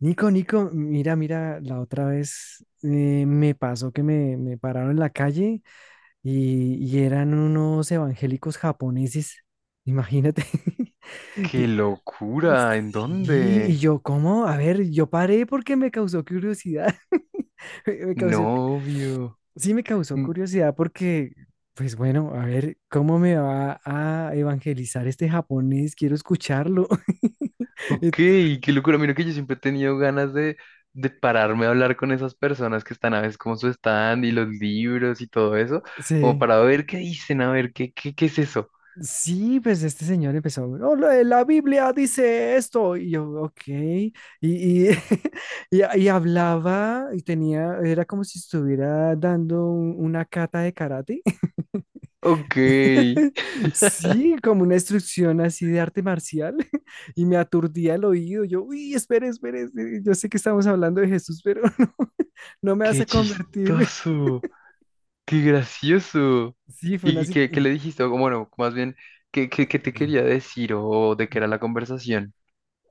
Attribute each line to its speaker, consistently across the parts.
Speaker 1: Nico, Nico, mira, mira, la otra vez me pasó que me pararon en la calle y eran unos evangélicos japoneses, imagínate.
Speaker 2: ¡Qué locura! ¿En
Speaker 1: Sí, y
Speaker 2: dónde?
Speaker 1: yo, ¿cómo? A ver, yo paré porque me causó curiosidad. Me causó,
Speaker 2: Novio.
Speaker 1: sí me causó
Speaker 2: Mm.
Speaker 1: curiosidad porque, pues bueno, a ver, ¿cómo me va a evangelizar este japonés? Quiero escucharlo.
Speaker 2: Ok,
Speaker 1: Ent-
Speaker 2: qué locura. Mira que yo siempre he tenido ganas de pararme a hablar con esas personas que están a veces como su stand y los libros y todo eso, como
Speaker 1: Sí.
Speaker 2: para ver qué dicen, a ver qué es eso.
Speaker 1: Sí, pues este señor empezó, "Oh, la, la Biblia dice esto", y yo, ok, y, y hablaba y tenía, era como si estuviera dando una cata de karate,
Speaker 2: Ok,
Speaker 1: sí, como una instrucción así de arte marcial. Y me aturdía el oído, yo, uy, espere, espere, espere, yo sé que estamos hablando de Jesús, pero no, no me vas
Speaker 2: qué
Speaker 1: a convertir.
Speaker 2: chistoso, qué gracioso.
Speaker 1: Sí, fue
Speaker 2: ¿Y,
Speaker 1: una
Speaker 2: y qué, qué
Speaker 1: situación.
Speaker 2: le dijiste? O bueno, más bien, ¿ qué te quería decir o de qué era la conversación?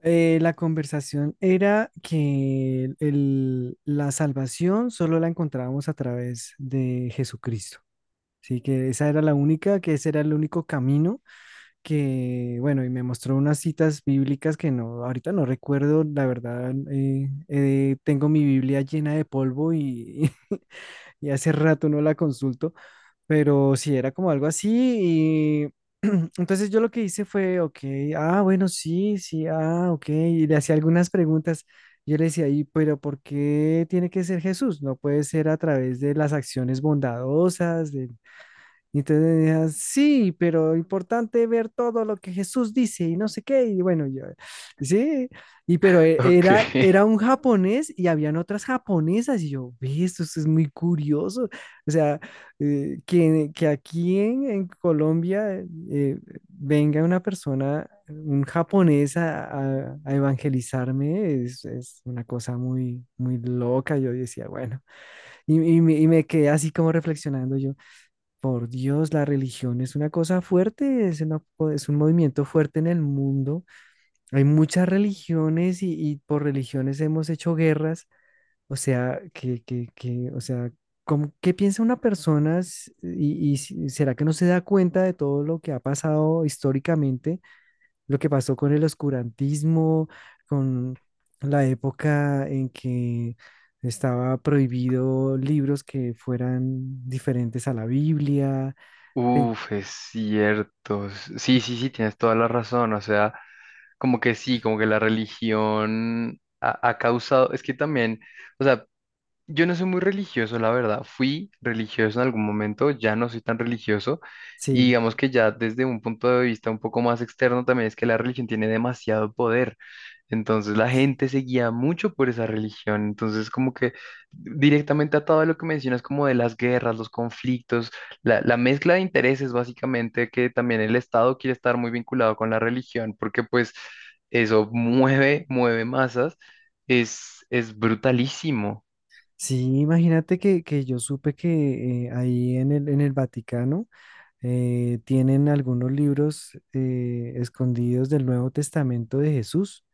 Speaker 1: La conversación era que la salvación solo la encontrábamos a través de Jesucristo. Así que esa era la única, que ese era el único camino que, bueno, y me mostró unas citas bíblicas que no, ahorita no recuerdo, la verdad, tengo mi Biblia llena de polvo y y hace rato no la consulto, pero sí, era como algo así. Y entonces yo lo que hice fue, ok, ah, bueno, sí, sí, ah, ok, y le hacía algunas preguntas. Yo le decía, ¿y pero por qué tiene que ser Jesús? No puede ser a través de las acciones bondadosas, de... Y entonces decía sí, pero importante ver todo lo que Jesús dice y no sé qué. Y bueno, yo, sí, y pero
Speaker 2: Ok.
Speaker 1: era, era un japonés y habían otras japonesas. Y yo, ve, esto es muy curioso. O sea, que aquí en Colombia eh, venga una persona, un japonés a, a evangelizarme, es una cosa muy, muy loca. Yo decía, bueno, y me quedé así como reflexionando yo. Por Dios, la religión es una cosa fuerte, es, una es un movimiento fuerte en el mundo. Hay muchas religiones y por religiones hemos hecho guerras. O sea, o sea, ¿qué piensa una persona será que no se da cuenta de todo lo que ha pasado históricamente? Lo que pasó con el oscurantismo, con la época en que estaba prohibido libros que fueran diferentes a la Biblia.
Speaker 2: Uf, es cierto. Sí, tienes toda la razón. O sea, como que sí, como que la religión ha causado, es que también, o sea, yo no soy muy religioso, la verdad. Fui religioso en algún momento, ya no soy tan religioso. Y
Speaker 1: Sí,
Speaker 2: digamos que ya desde un punto de vista un poco más externo también es que la religión tiene demasiado poder. Entonces la gente se guía mucho por esa religión. Entonces como que directamente atado a lo que mencionas como de las guerras, los conflictos, la mezcla de intereses básicamente que también el Estado quiere estar muy vinculado con la religión porque pues eso mueve masas. Es brutalísimo.
Speaker 1: sí, imagínate que yo supe que ahí en en el Vaticano tienen algunos libros escondidos del Nuevo Testamento de Jesús.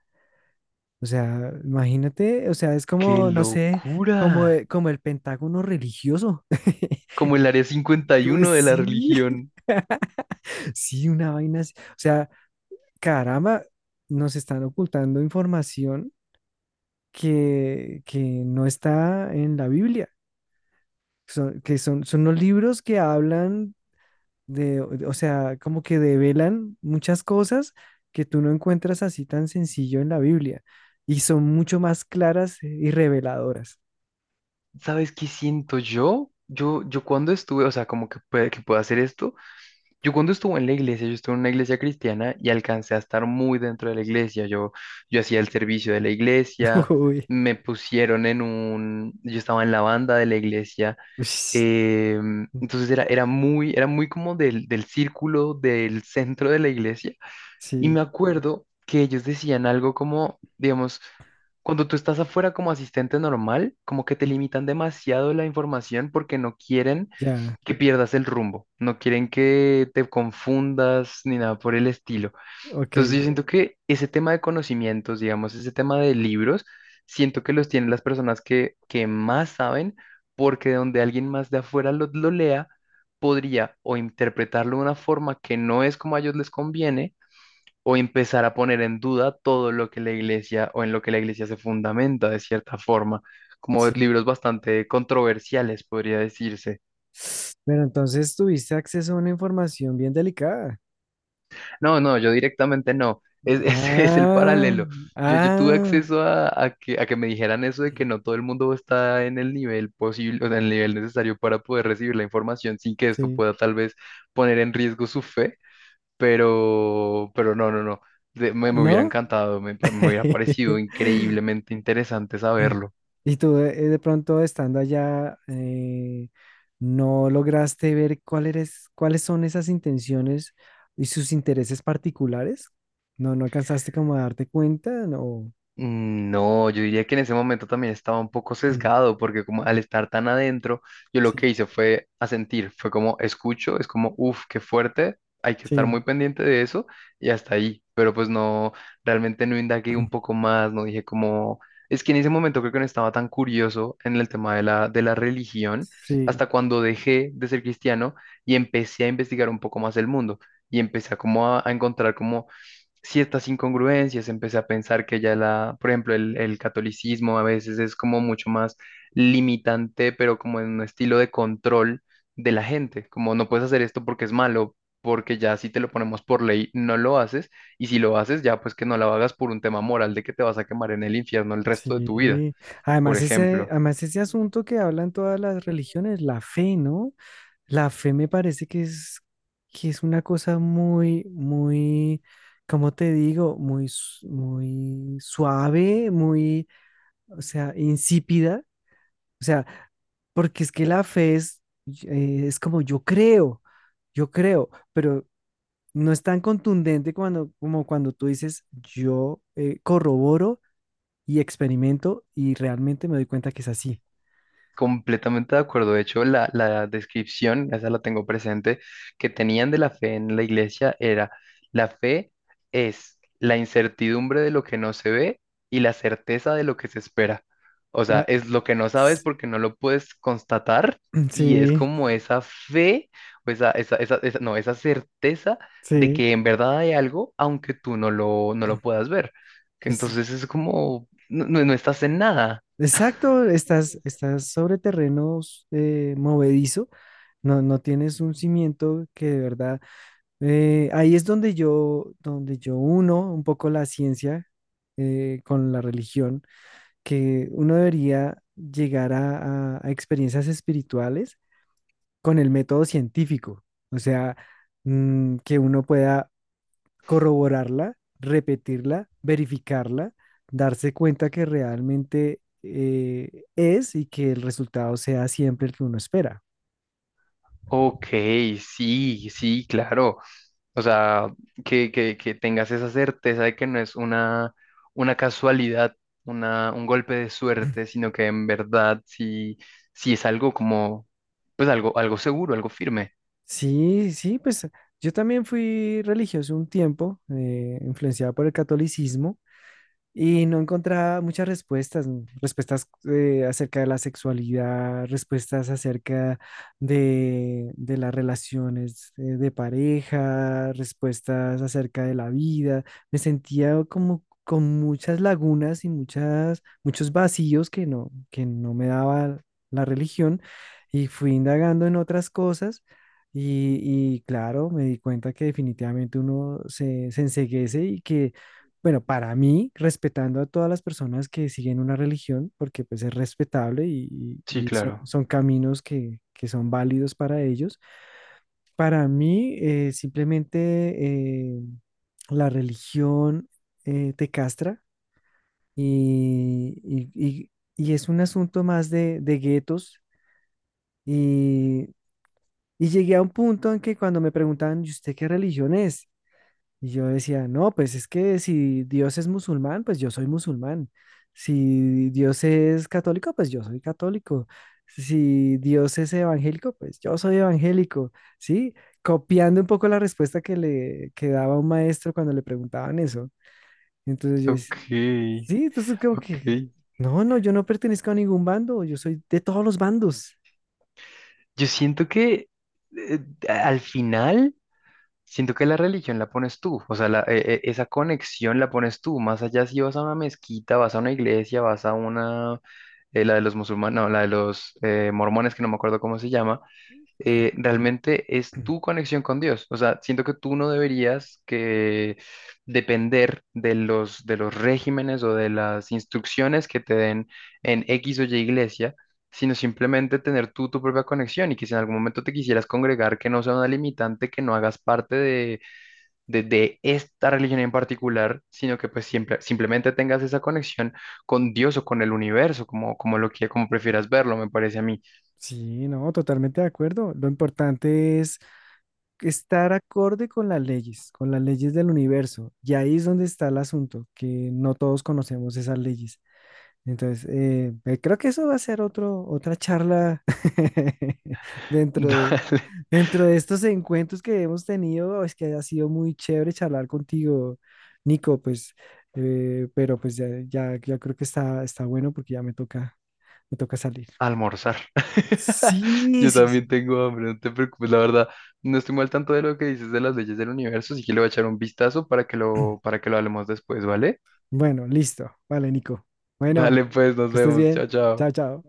Speaker 1: O sea, imagínate, o sea, es
Speaker 2: ¡Qué
Speaker 1: como, no sé, como,
Speaker 2: locura!
Speaker 1: como el Pentágono religioso.
Speaker 2: Como el área
Speaker 1: Como,
Speaker 2: 51 de la
Speaker 1: sí,
Speaker 2: religión.
Speaker 1: sí, una vaina así. O sea, caramba, nos están ocultando información que no está en la Biblia. Son, que son, son los libros que hablan de, o sea, como que develan muchas cosas que tú no encuentras así tan sencillo en la Biblia y son mucho más claras y reveladoras.
Speaker 2: ¿Sabes qué siento yo? Yo cuando estuve, o sea, como que, que puedo hacer esto. Yo cuando estuve en la iglesia, yo estuve en una iglesia cristiana y alcancé a estar muy dentro de la iglesia. Yo hacía el servicio de la iglesia,
Speaker 1: Uy,
Speaker 2: me pusieron en un, yo estaba en la banda de la iglesia.
Speaker 1: ush,
Speaker 2: Entonces era, era muy como del círculo, del centro de la iglesia. Y
Speaker 1: sí,
Speaker 2: me acuerdo que ellos decían algo como, digamos, cuando tú estás afuera como asistente normal, como que te limitan demasiado la información porque no quieren
Speaker 1: ya,
Speaker 2: que pierdas el rumbo, no quieren que te confundas ni nada por el estilo.
Speaker 1: ok,
Speaker 2: Entonces yo siento que ese tema de conocimientos, digamos, ese tema de libros, siento que los tienen las personas que más saben, porque de donde alguien más de afuera lo lea, podría o interpretarlo de una forma que no es como a ellos les conviene, o empezar a poner en duda todo lo que la iglesia o en lo que la iglesia se fundamenta de cierta forma, como
Speaker 1: sí.
Speaker 2: libros bastante controversiales, podría decirse.
Speaker 1: Pero entonces tuviste acceso a una información bien delicada.
Speaker 2: No, no, yo directamente no. Es el
Speaker 1: Ah,
Speaker 2: paralelo. Yo tuve
Speaker 1: ah,
Speaker 2: acceso a, a que me dijeran eso de que no todo el mundo está en el nivel posible, o sea, en el nivel necesario para poder recibir la información sin que esto
Speaker 1: sí.
Speaker 2: pueda tal vez poner en riesgo su fe, pero, pero no. Me hubiera
Speaker 1: ¿No?
Speaker 2: encantado, me hubiera parecido increíblemente interesante saberlo.
Speaker 1: Y tú de pronto estando allá, no lograste ver cuáles son esas intenciones y sus intereses particulares. No, no alcanzaste como a darte cuenta, no.
Speaker 2: Mm, no, yo diría que en ese momento también estaba un poco sesgado, porque como al estar tan adentro, yo lo que
Speaker 1: Sí,
Speaker 2: hice fue asentir, fue como escucho, es como, uff, qué fuerte, hay que estar
Speaker 1: sí,
Speaker 2: muy pendiente de eso y hasta ahí, pero pues no, realmente no indagué un poco más, no dije como, es que en ese momento creo que no estaba tan curioso en el tema de de la religión,
Speaker 1: sí.
Speaker 2: hasta cuando dejé de ser cristiano y empecé a investigar un poco más el mundo y empecé a como a encontrar como ciertas incongruencias, empecé a pensar que ya la, por ejemplo, el catolicismo a veces es como mucho más limitante, pero como en un estilo de control de la gente, como no puedes hacer esto porque es malo, porque ya si te lo ponemos por ley no lo haces, y si lo haces ya pues que no lo hagas por un tema moral de que te vas a quemar en el infierno el resto de tu vida,
Speaker 1: Sí,
Speaker 2: por ejemplo.
Speaker 1: además ese asunto que hablan todas las religiones, la fe, ¿no? La fe me parece que es una cosa muy, muy, ¿cómo te digo? Muy, muy suave, muy, o sea, insípida. O sea, porque es que la fe es como yo creo, pero no es tan contundente como cuando tú dices yo corroboro y experimento y realmente me doy cuenta que es así.
Speaker 2: Completamente de acuerdo. De hecho, la descripción, esa la tengo presente, que tenían de la fe en la iglesia era, la fe es la incertidumbre de lo que no se ve y la certeza de lo que se espera. O sea,
Speaker 1: Ma-
Speaker 2: es lo que no sabes porque no lo puedes constatar y es
Speaker 1: Sí,
Speaker 2: como esa fe, o no, esa certeza de
Speaker 1: sí.
Speaker 2: que en verdad hay algo, aunque tú no lo puedas ver. Que
Speaker 1: Es-
Speaker 2: entonces es como, no, no estás en nada.
Speaker 1: exacto, estás, estás sobre terrenos movedizo, no, no tienes un cimiento que de verdad, ahí es donde yo uno un poco la ciencia con la religión, que uno debería llegar a, a experiencias espirituales con el método científico, o sea, mm, que uno pueda corroborarla, repetirla, verificarla, darse cuenta que realmente es y que el resultado sea siempre el que uno espera.
Speaker 2: Ok, sí, sí, claro. O sea, que tengas esa certeza de que no es una casualidad, un golpe de suerte, sino que en verdad sí es algo como, pues algo, algo seguro, algo firme.
Speaker 1: Sí, sí, pues yo también fui religioso un tiempo, influenciado por el catolicismo. Y no encontraba muchas respuestas, mm, respuestas acerca de la sexualidad, respuestas acerca de las relaciones de pareja, respuestas acerca de la vida. Me sentía como con muchas lagunas y muchas, muchos vacíos que no me daba la religión y fui indagando en otras cosas. Y claro, me di cuenta que definitivamente uno se, se enceguece y que bueno, para mí, respetando a todas las personas que siguen una religión, porque pues es respetable y,
Speaker 2: Sí,
Speaker 1: y son,
Speaker 2: claro.
Speaker 1: son caminos que son válidos para ellos, para mí simplemente eh, la religión te castra y, y es un asunto más de guetos y, y llegué a un punto en que cuando me preguntaban, ¿y usted qué religión es? Y yo decía, no, pues es que si Dios es musulmán, pues yo soy musulmán. Si Dios es católico, pues yo soy católico. Si Dios es evangélico, pues yo soy evangélico. ¿Sí? Copiando un poco la respuesta que le que daba un maestro cuando le preguntaban eso. Entonces yo decía,
Speaker 2: Ok,
Speaker 1: sí, entonces como
Speaker 2: ok.
Speaker 1: que, no, no, yo no pertenezco a ningún bando, yo soy de todos los bandos.
Speaker 2: Yo siento que eh, al final. Siento que la religión la pones tú, o sea, esa conexión la pones tú, más allá si vas a una mezquita, vas a una iglesia, vas a una, la de los musulmanes, no, la de los mormones, que no me acuerdo cómo se llama,
Speaker 1: Ah,
Speaker 2: realmente es tu conexión con Dios. O sea, siento que tú no deberías que depender de de los regímenes o de las instrucciones que te den en X o Y iglesia, sino simplemente tener tú tu propia conexión y que si en algún momento te quisieras congregar, que no sea una limitante, que no hagas parte de esta religión en particular, sino que pues siempre, simplemente tengas esa conexión con Dios o con el universo, como, como lo que, como prefieras verlo, me parece a mí.
Speaker 1: sí, no, totalmente de acuerdo. Lo importante es estar acorde con las leyes del universo. Y ahí es donde está el asunto, que no todos conocemos esas leyes. Entonces, creo que eso va a ser otro, otra charla dentro de,
Speaker 2: Dale.
Speaker 1: dentro de estos encuentros que hemos tenido. Es que ha sido muy chévere charlar contigo, Nico, pues, pero pues ya creo que está, está bueno porque ya me toca salir.
Speaker 2: Almorzar.
Speaker 1: Sí,
Speaker 2: Yo
Speaker 1: sí, sí.
Speaker 2: también tengo hambre, no te preocupes, la verdad. No estoy mal tanto de lo que dices de las leyes del universo, así que le voy a echar un vistazo para que para que lo hablemos después, ¿vale?
Speaker 1: Bueno, listo. Vale, Nico. Bueno,
Speaker 2: Dale pues, nos
Speaker 1: que estés
Speaker 2: vemos. Chao,
Speaker 1: bien.
Speaker 2: chao.
Speaker 1: Chao, chao.